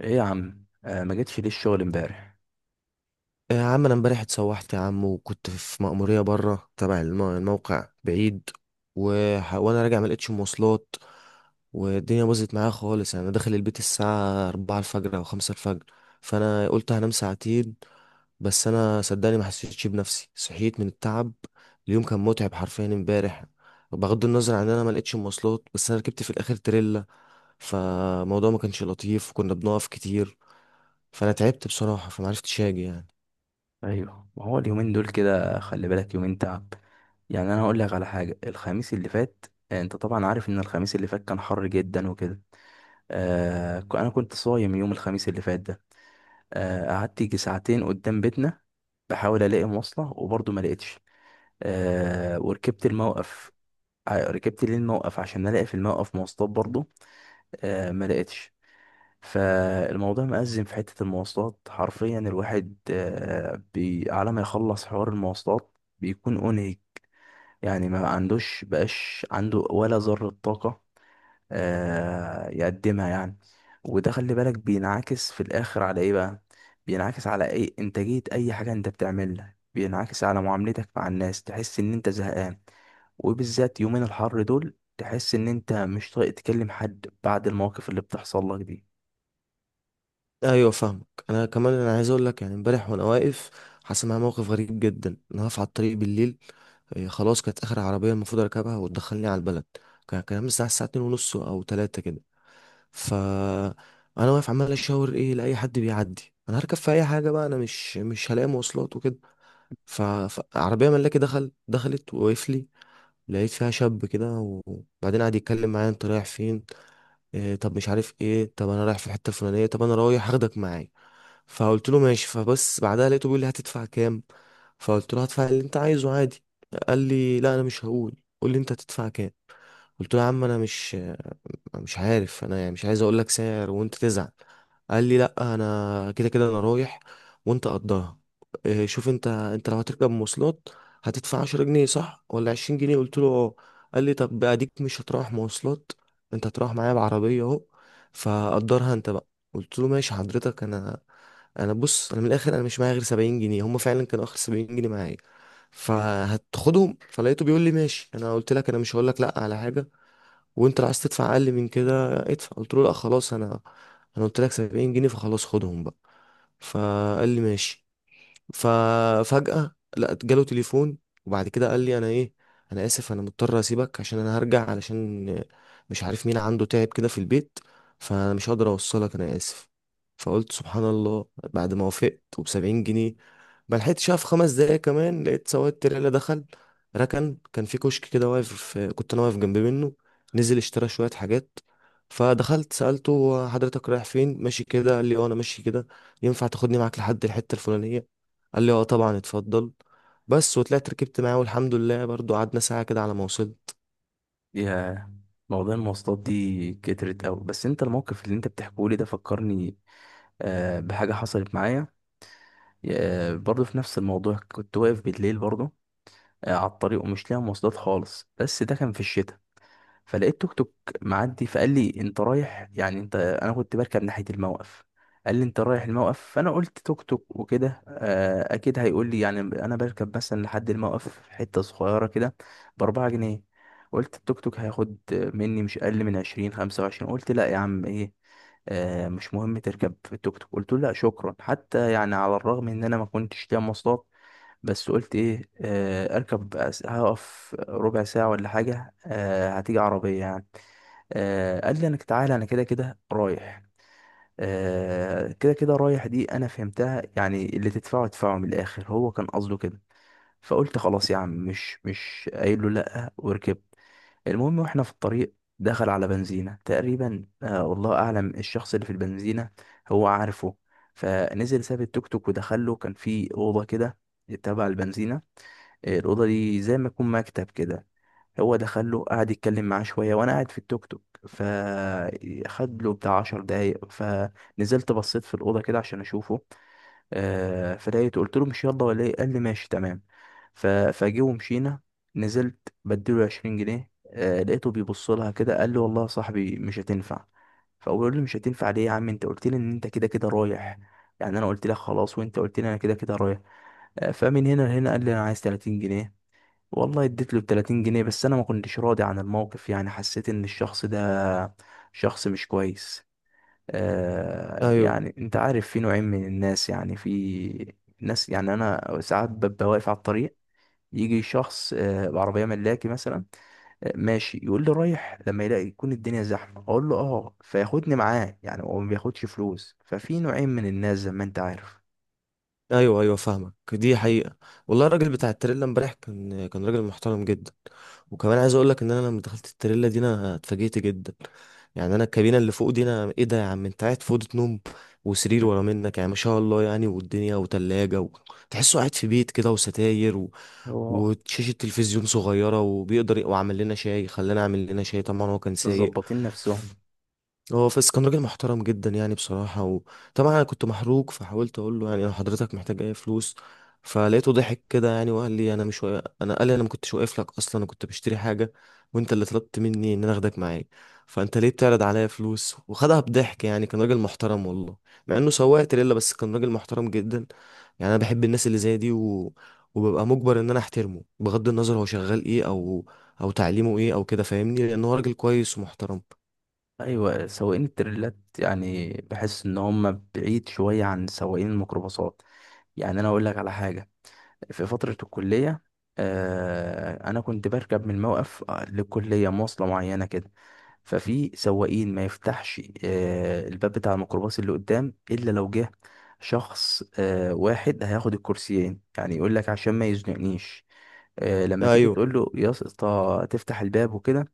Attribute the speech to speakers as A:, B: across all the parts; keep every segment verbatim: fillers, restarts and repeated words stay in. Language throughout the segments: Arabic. A: ايه يا عم، آه ما جيتش ليه الشغل امبارح؟
B: يا عم انا امبارح اتسوحت يا عم، وكنت في مأمورية بره تبع الم- الموقع بعيد. وح... وانا راجع ما لقيتش مواصلات، والدنيا باظت معايا خالص. يعني انا داخل البيت الساعة أربعة الفجر او خمسة الفجر، فانا قلت هنام ساعتين. بس انا صدقني ما حسيتش بنفسي، صحيت من التعب. اليوم كان متعب حرفيا امبارح، بغض النظر عن ان انا ما لقيتش مواصلات. بس انا ركبت في الاخر تريلا، فالموضوع ما كانش لطيف، وكنا بنقف كتير، فانا تعبت بصراحة، فما عرفتش اجي يعني.
A: ايوه، ما هو اليومين دول كده. خلي بالك يومين تعب. يعني انا هقول لك على حاجه. الخميس اللي فات، آه، انت طبعا عارف ان الخميس اللي فات كان حر جدا وكده. آه ك- انا كنت صايم يوم الخميس اللي فات ده. آه قعدت يجي ساعتين قدام بيتنا، بحاول الاقي مواصله وبرضه ما لقيتش. آه وركبت الموقف، ع- ركبت ليه الموقف عشان الاقي في الموقف مواصلات برضه. آه ما لقيتش. فالموضوع مأزم في حتة المواصلات، حرفيا الواحد آه، بي- على ما يخلص حوار المواصلات بيكون أنهك. يعني ما عندوش بقاش، عنده ولا ذرة طاقة آه، يقدمها يعني. وده خلي بالك بينعكس في الآخر على إيه بقى؟ بينعكس على إيه؟ إنتاجية أي حاجة أنت بتعملها، بينعكس على معاملتك مع الناس، تحس إن أنت زهقان. وبالذات يومين الحر دول تحس إن أنت مش طايق تكلم حد بعد المواقف اللي بتحصل لك دي.
B: ايوه فاهمك. انا كمان انا عايز اقول لك، يعني امبارح وانا واقف، حصل معايا موقف غريب جدا. انا واقف على الطريق بالليل، إيه، خلاص، كانت اخر عربيه المفروض اركبها وتدخلني على البلد. كان كان الساعه الساعه اتنين ونص او تلاتة كده. ف انا واقف عمال اشاور ايه لاي حد بيعدي، انا هركب في اي حاجه بقى، انا مش مش هلاقي مواصلات وكده. ف- فعربيه ملاكي دخل دخلت ووقف لي. لقيت فيها شاب كده، وبعدين قعد يتكلم معايا: انت رايح فين؟ إيه؟ طب مش عارف ايه؟ طب انا رايح في الحته الفلانيه. طب انا رايح هاخدك معايا. فقلت له ماشي. فبس بعدها لقيته بيقول لي: هتدفع كام؟ فقلت له هدفع اللي انت عايزه عادي. قال لي: لا، انا مش هقول، قول لي انت هتدفع كام. قلت له: يا عم انا مش مش عارف، انا يعني مش عايز اقول لك سعر وانت تزعل. قال لي: لا، انا كده كده انا رايح، وانت قضاها. إيه، شوف انت، انت لو هتركب مواصلات هتدفع عشر جنيه صح ولا عشرين جنيه؟ قلت له اه. قال لي: طب اديك مش هتروح مواصلات، انت هتروح معايا بعربيه اهو، فقدرها انت بقى. قلت له: ماشي حضرتك، انا انا بص، انا من الاخر انا مش معايا غير سبعين جنيه، هم فعلا كانوا اخر سبعين جنيه معايا، فهتاخدهم. فلقيته بيقول لي: ماشي، انا قلت لك انا مش هقول لك لا على حاجه، وانت لو عايز تدفع اقل من كده ادفع. قلت له: لا خلاص، انا انا قلت لك سبعين جنيه، فخلاص خدهم بقى. فقال لي ماشي. ففجأة لا جاله تليفون، وبعد كده قال لي: انا ايه، انا اسف، انا مضطر اسيبك، عشان انا هرجع، علشان مش عارف مين عنده تعب كده في البيت، فانا مش هقدر اوصلك، انا اسف. فقلت سبحان الله، بعد ما وافقت وبسبعين جنيه. ما لحقتش في خمس دقايق كمان، لقيت سواق التريلا دخل ركن، كان في كشك كده واقف، كنت انا واقف جنب منه، نزل اشترى شوية حاجات، فدخلت سألته: هو حضرتك رايح فين ماشي كده؟ قال لي: اه انا ماشي كده. ينفع تاخدني معاك لحد الحتة الفلانية؟ قال لي اه طبعا اتفضل. بس وطلعت ركبت معاه، والحمد لله برضو قعدنا ساعة كده على ما وصلت.
A: يا موضوع المواصلات دي كترت أوي، بس انت الموقف اللي انت بتحكيه لي ده فكرني آه، بحاجة حصلت معايا. آه، برضه في نفس الموضوع، كنت واقف بالليل برضه آه، على الطريق ومش لاقي مواصلات خالص، بس ده كان في الشتاء. فلقيت توك توك معدي، فقال لي انت رايح؟ يعني انت انا كنت بركب ناحية الموقف. قال لي انت رايح الموقف، فانا قلت توك توك وكده آه، اكيد هيقول لي، يعني انا بركب مثلا لحد الموقف حتة صغيرة كده، باربعة جنيه. قلت التوك توك هياخد مني مش اقل من عشرين، خمسة وعشرين. قلت لا يا عم، ايه آه، مش مهم تركب التوك توك. قلت له لا شكرا، حتى يعني على الرغم ان انا ما كنتش ليا مواصلات، بس قلت ايه، آه، اركب، أس- هقف ربع ساعة ولا حاجة، آه، هتيجي عربية يعني. آه، قال لي انك تعالى انا كده كده رايح. آه، كده كده رايح دي انا فهمتها، يعني اللي تدفعه ادفعه، من الاخر هو كان قصده كده. فقلت خلاص يا عم، مش مش قايل له لا، وركبت. المهم، واحنا في الطريق دخل على بنزينة تقريبا، آه، والله اعلم الشخص اللي في البنزينة هو عارفه. فنزل ساب التوك توك ودخل له، كان في اوضة كده تبع البنزينة. آه، الأوضة دي زي ما يكون مكتب كده. هو دخله قعد يتكلم معاه شوية وأنا قاعد في التوك توك. فخد له بتاع عشر دقايق، فنزلت بصيت في الأوضة كده عشان أشوفه. آه، فلقيته قلت له مش يلا ولا إيه؟ قال لي ماشي تمام. ف- فجه ومشينا. نزلت بديله عشرين جنيه، آه، لقيته بيبص لها كده قال لي والله يا صاحبي مش هتنفع. فأقول له مش هتنفع ليه يا عم؟ أنت قلت لي إن أنت كده كده رايح، يعني أنا قلت لك خلاص وأنت قلت لي أنا كده كده رايح. آه، فمن هنا لهنا قال لي أنا عايز تلاتين جنيه. والله اديت له تلاتين جنيه، بس انا ما كنتش راضي عن الموقف، يعني حسيت ان الشخص ده شخص مش كويس. آه
B: ايوه،
A: يعني انت عارف في نوعين من الناس، يعني في ناس، يعني انا ساعات ببقى واقف على الطريق، يجي شخص آه بعربية ملاكي مثلا آه ماشي يقول لي رايح، لما يلاقي يكون الدنيا زحمة اقول له اه فياخدني معاه، يعني هو ما بياخدش فلوس. ففي نوعين من الناس زي ما انت عارف.
B: ايوه، ايوه فاهمك، دي حقيقة. والله الراجل بتاع التريلا امبارح كان كان راجل محترم جدا. وكمان عايز اقول لك ان انا لما دخلت التريلا دي انا اتفاجئت جدا. يعني انا الكابينة اللي فوق دي، انا ايه ده يا عم، انت قاعد في أوضة نوم، وسرير
A: م.
B: ورا منك، يعني ما شاء الله، يعني والدنيا وتلاجة و... تحسه قاعد في بيت كده، وستاير و...
A: هو
B: وشاشة تلفزيون صغيرة، وبيقدر وعمل لنا شاي، خلانا اعمل لنا شاي، طبعا هو كان سايق.
A: مظبطين نفسهم.
B: هو فاس كان راجل محترم جدا يعني بصراحة. وطبعا أنا كنت محروق، فحاولت أقول له: يعني لو حضرتك محتاج أي فلوس. فلقيته ضحك كده يعني، وقال لي: أنا مش واقف، أنا، قال لي أنا ما كنتش واقف لك أصلا، أنا كنت بشتري حاجة، وأنت اللي طلبت مني إن أنا أخدك معايا، فأنت ليه بتعرض عليا فلوس؟ وخدها بضحك يعني. كان راجل محترم والله، مع إنه سواق تريلا، بس كان راجل محترم جدا. يعني أنا بحب الناس اللي زي دي و... وببقى مجبر إن أنا أحترمه، بغض النظر هو شغال إيه، أو أو تعليمه إيه أو كده، فاهمني، لأن هو راجل كويس ومحترم.
A: ايوه، سواقين التريلات يعني بحس ان هم بعيد شويه عن سواقين الميكروباصات. يعني انا اقول لك على حاجه. في فتره الكليه، آه انا كنت بركب من الموقف للكليه مواصله معينه كده. ففي سواقين ما يفتحش آه الباب بتاع الميكروباص اللي قدام الا لو جه شخص آه واحد هياخد الكرسيين، يعني يقول لك عشان ما يزنقنيش. آه لما تيجي
B: أيوه.
A: تقول له يا اسطى تفتح الباب وكده.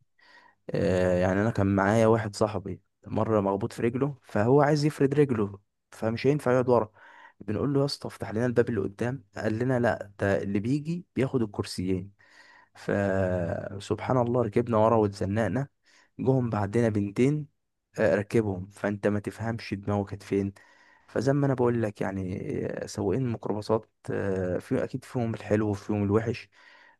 A: آه، يعني انا كان معايا واحد صاحبي مره، مخبوط في رجله فهو عايز يفرد رجله، فمش هينفع يقعد ورا. بنقول له يا اسطى افتح لنا الباب اللي قدام، قال لنا لا، ده اللي بيجي بياخد الكرسيين. فسبحان الله، ركبنا ورا واتزنقنا. جم بعدنا بنتين، آه، ركبهم. فانت ما تفهمش دماغه كانت فين. فزي ما انا بقول لك يعني آه، سواقين الميكروباصات آه، في اكيد فيهم الحلو وفيهم الوحش.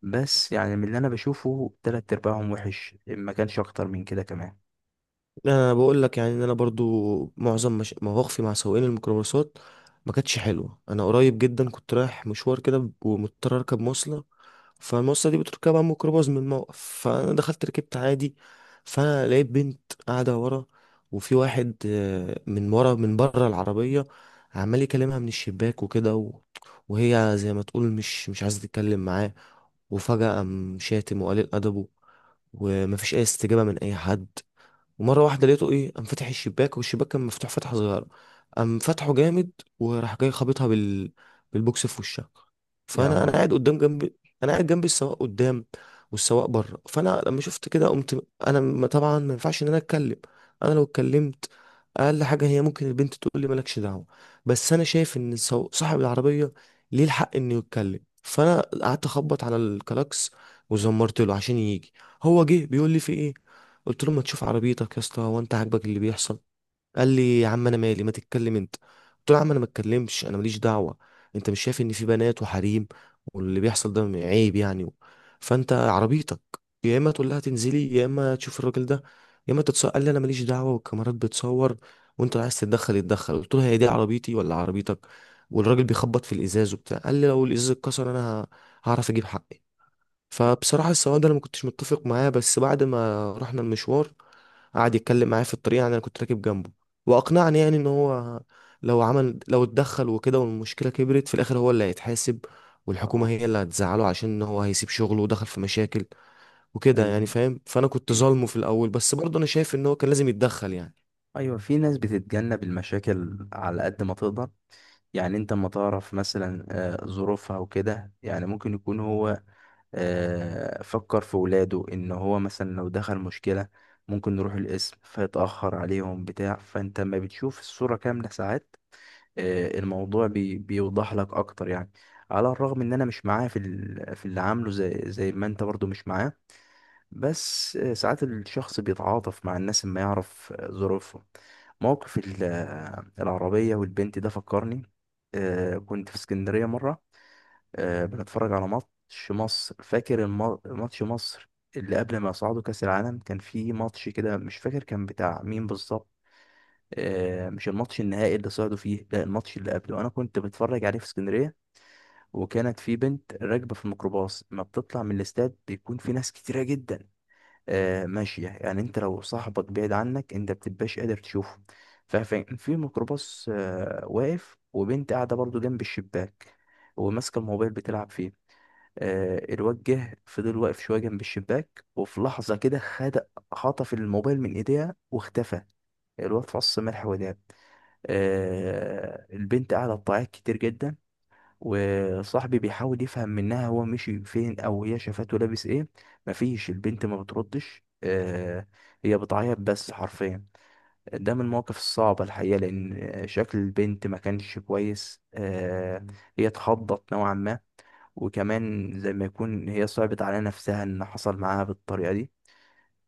A: بس يعني من اللي انا بشوفه تلات ارباعهم وحش، ما كانش اكتر من كده كمان.
B: لا، انا بقول لك، يعني ان انا برضو معظم مش... مواقفي مع سواقين الميكروباصات ما كانتش حلوه. انا قريب جدا كنت رايح مشوار كده، ومضطر اركب مواصله، فالمواصله دي بتركبها ميكروباص من الموقف. فانا دخلت ركبت عادي، فانا لقيت بنت قاعده ورا، وفي واحد آه، من ورا، من بره العربيه، عمال يكلمها من الشباك وكده و... وهي زي ما تقول مش مش عايزه تتكلم معاه. وفجاه قام شاتم وقليل ادبه، ومفيش اي استجابه من اي حد. ومره واحده لقيته ايه، قام فاتح الشباك، والشباك كان مفتوح فتحه صغيره، قام فتحه جامد، وراح جاي خابطها بال بالبوكس في وشها.
A: يا
B: فانا انا
A: نهار أبيض.
B: قاعد قدام جنبي، انا قاعد جنب السواق قدام، والسواق بره. فانا لما شفت كده قمت انا، م- طبعا ما ينفعش ان انا اتكلم، انا لو اتكلمت اقل حاجه هي ممكن البنت تقول لي مالكش دعوه. بس انا شايف ان السو- صاحب العربيه ليه الحق انه يتكلم، فانا قعدت اخبط على الكلاكس وزمرت له عشان يجي. هو جه بيقول لي: في ايه؟ قلت له: ما تشوف عربيتك يا اسطى، هو انت عاجبك اللي بيحصل؟ قال لي: يا عم انا مالي، ما تتكلم انت. قلت له: يا عم انا ما اتكلمش، انا ماليش دعوه. انت مش شايف ان في بنات وحريم، واللي بيحصل ده عيب يعني؟ فانت عربيتك، يا اما تقول لها تنزلي، يا اما تشوف الراجل ده، يا اما تتصور. قال لي: انا ماليش دعوه، والكاميرات بتصور، وانت لو عايز تتدخل اتدخل. قلت له: هي دي عربيتي ولا عربيتك؟ والراجل بيخبط في الازاز وبتاع، قال لي: لو الازاز اتكسر انا هعرف اجيب حقي. فبصراحة السواق ده أنا ما كنتش متفق معاه، بس بعد ما رحنا المشوار قعد يتكلم معايا في الطريق، يعني أنا كنت راكب جنبه، وأقنعني يعني إن هو لو عمل، لو اتدخل وكده، والمشكلة كبرت في الآخر، هو اللي هيتحاسب، والحكومة
A: اه.
B: هي اللي هتزعله، عشان إن هو هيسيب شغله ودخل في مشاكل وكده يعني،
A: ايوه،
B: فاهم. فأنا كنت ظالمه في الأول، بس برضه أنا شايف إن هو كان لازم يتدخل يعني.
A: ايوه، في ناس بتتجنب المشاكل على قد ما تقدر. يعني انت ما تعرف مثلا آه، ظروفها وكده، يعني ممكن يكون هو آه، فكر في ولاده، ان هو مثلا لو دخل مشكلة ممكن نروح القسم فيتأخر عليهم بتاع. فانت لما بتشوف الصورة كاملة ساعات آه، الموضوع بي بيوضح لك اكتر يعني. على الرغم ان انا مش معاه في ال- في اللي عامله، زي زي ما انت برضو مش معاه. بس آه، ساعات الشخص بيتعاطف مع الناس، ما يعرف آه، ظروفهم. موقف ال- آه، العربية والبنت ده فكرني آه، كنت في اسكندرية مرة، آه، بنتفرج على ماتش مصر، فاكر الم- ماتش مصر اللي قبل ما يصعدوا كأس العالم، كان في ماتش كده مش فاكر كان بتاع مين بالظبط. آه، مش الماتش النهائي اللي صعدوا فيه، لا الماتش اللي قبله، انا كنت بتفرج عليه في اسكندريه. وكانت في بنت راكبه في الميكروباص. ما بتطلع من الاستاد بيكون في ناس كتيره جدا آه، ماشيه، يعني انت لو صاحبك بعيد عنك انت بتبقاش قادر تشوفه. فكان في ميكروباص آه، واقف وبنت قاعده برضو جنب الشباك وماسكه الموبايل بتلعب فيه. آه، الواد جه فضل واقف شويه جنب الشباك، وفي لحظه كده خد خطف الموبايل من ايديها واختفى. الواد فص ملح وداب. آه، البنت قاعده تعيط كتير جدا، وصاحبي بيحاول يفهم منها هو مشي فين او هي شافته لابس ايه. مفيش، البنت ما بتردش آه، هي بتعيط بس حرفيا. ده من المواقف الصعبة الحقيقة، لأن شكل البنت ما كانش كويس آه، هي اتخضت نوعا ما، وكمان زي ما يكون هي صعبت على نفسها ان حصل معاها بالطريقة دي.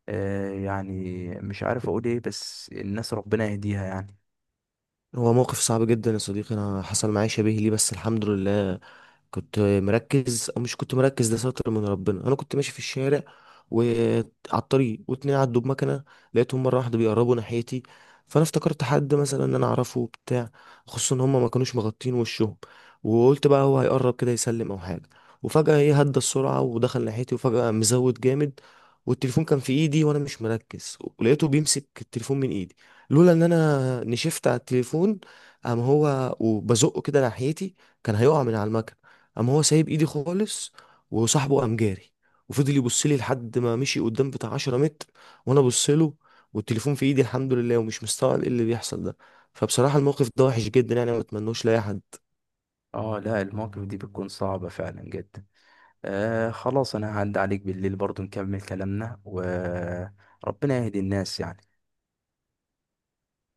A: آه يعني مش عارف اقول ايه، بس الناس ربنا يهديها يعني.
B: هو موقف صعب جدا يا صديقي. أنا حصل معايا شبيه ليه، بس الحمد لله كنت مركز، او مش كنت مركز، ده ستر من ربنا. انا كنت ماشي في الشارع، وعلى الطريق واتنين عدوا بمكنه، لقيتهم مره واحده بيقربوا ناحيتي، فانا افتكرت حد مثلا ان انا اعرفه بتاع خصوصا ان هم ما كانوش مغطين وشهم، وقلت بقى هو هيقرب كده يسلم او حاجه. وفجاه ايه هدى السرعه ودخل ناحيتي، وفجاه قام مزود جامد، والتليفون كان في ايدي وانا مش مركز، ولقيته بيمسك التليفون من ايدي. لولا ان انا نشفت على التليفون، قام هو وبزقه كده ناحيتي، كان هيقع من على المكنه، قام هو سايب ايدي خالص، وصاحبه قام جاري، وفضل يبص لي لحد ما مشي قدام بتاع 10 متر، وانا ابص له، والتليفون في ايدي الحمد لله، ومش مستوعب ايه اللي بيحصل ده. فبصراحة الموقف ده وحش جدا يعني، ما اتمنوش لاي حد.
A: اه، لا، المواقف دي بتكون صعبة فعلا جدا. آه خلاص، انا هعدي عليك بالليل برضو نكمل كلامنا وربنا يهدي الناس يعني.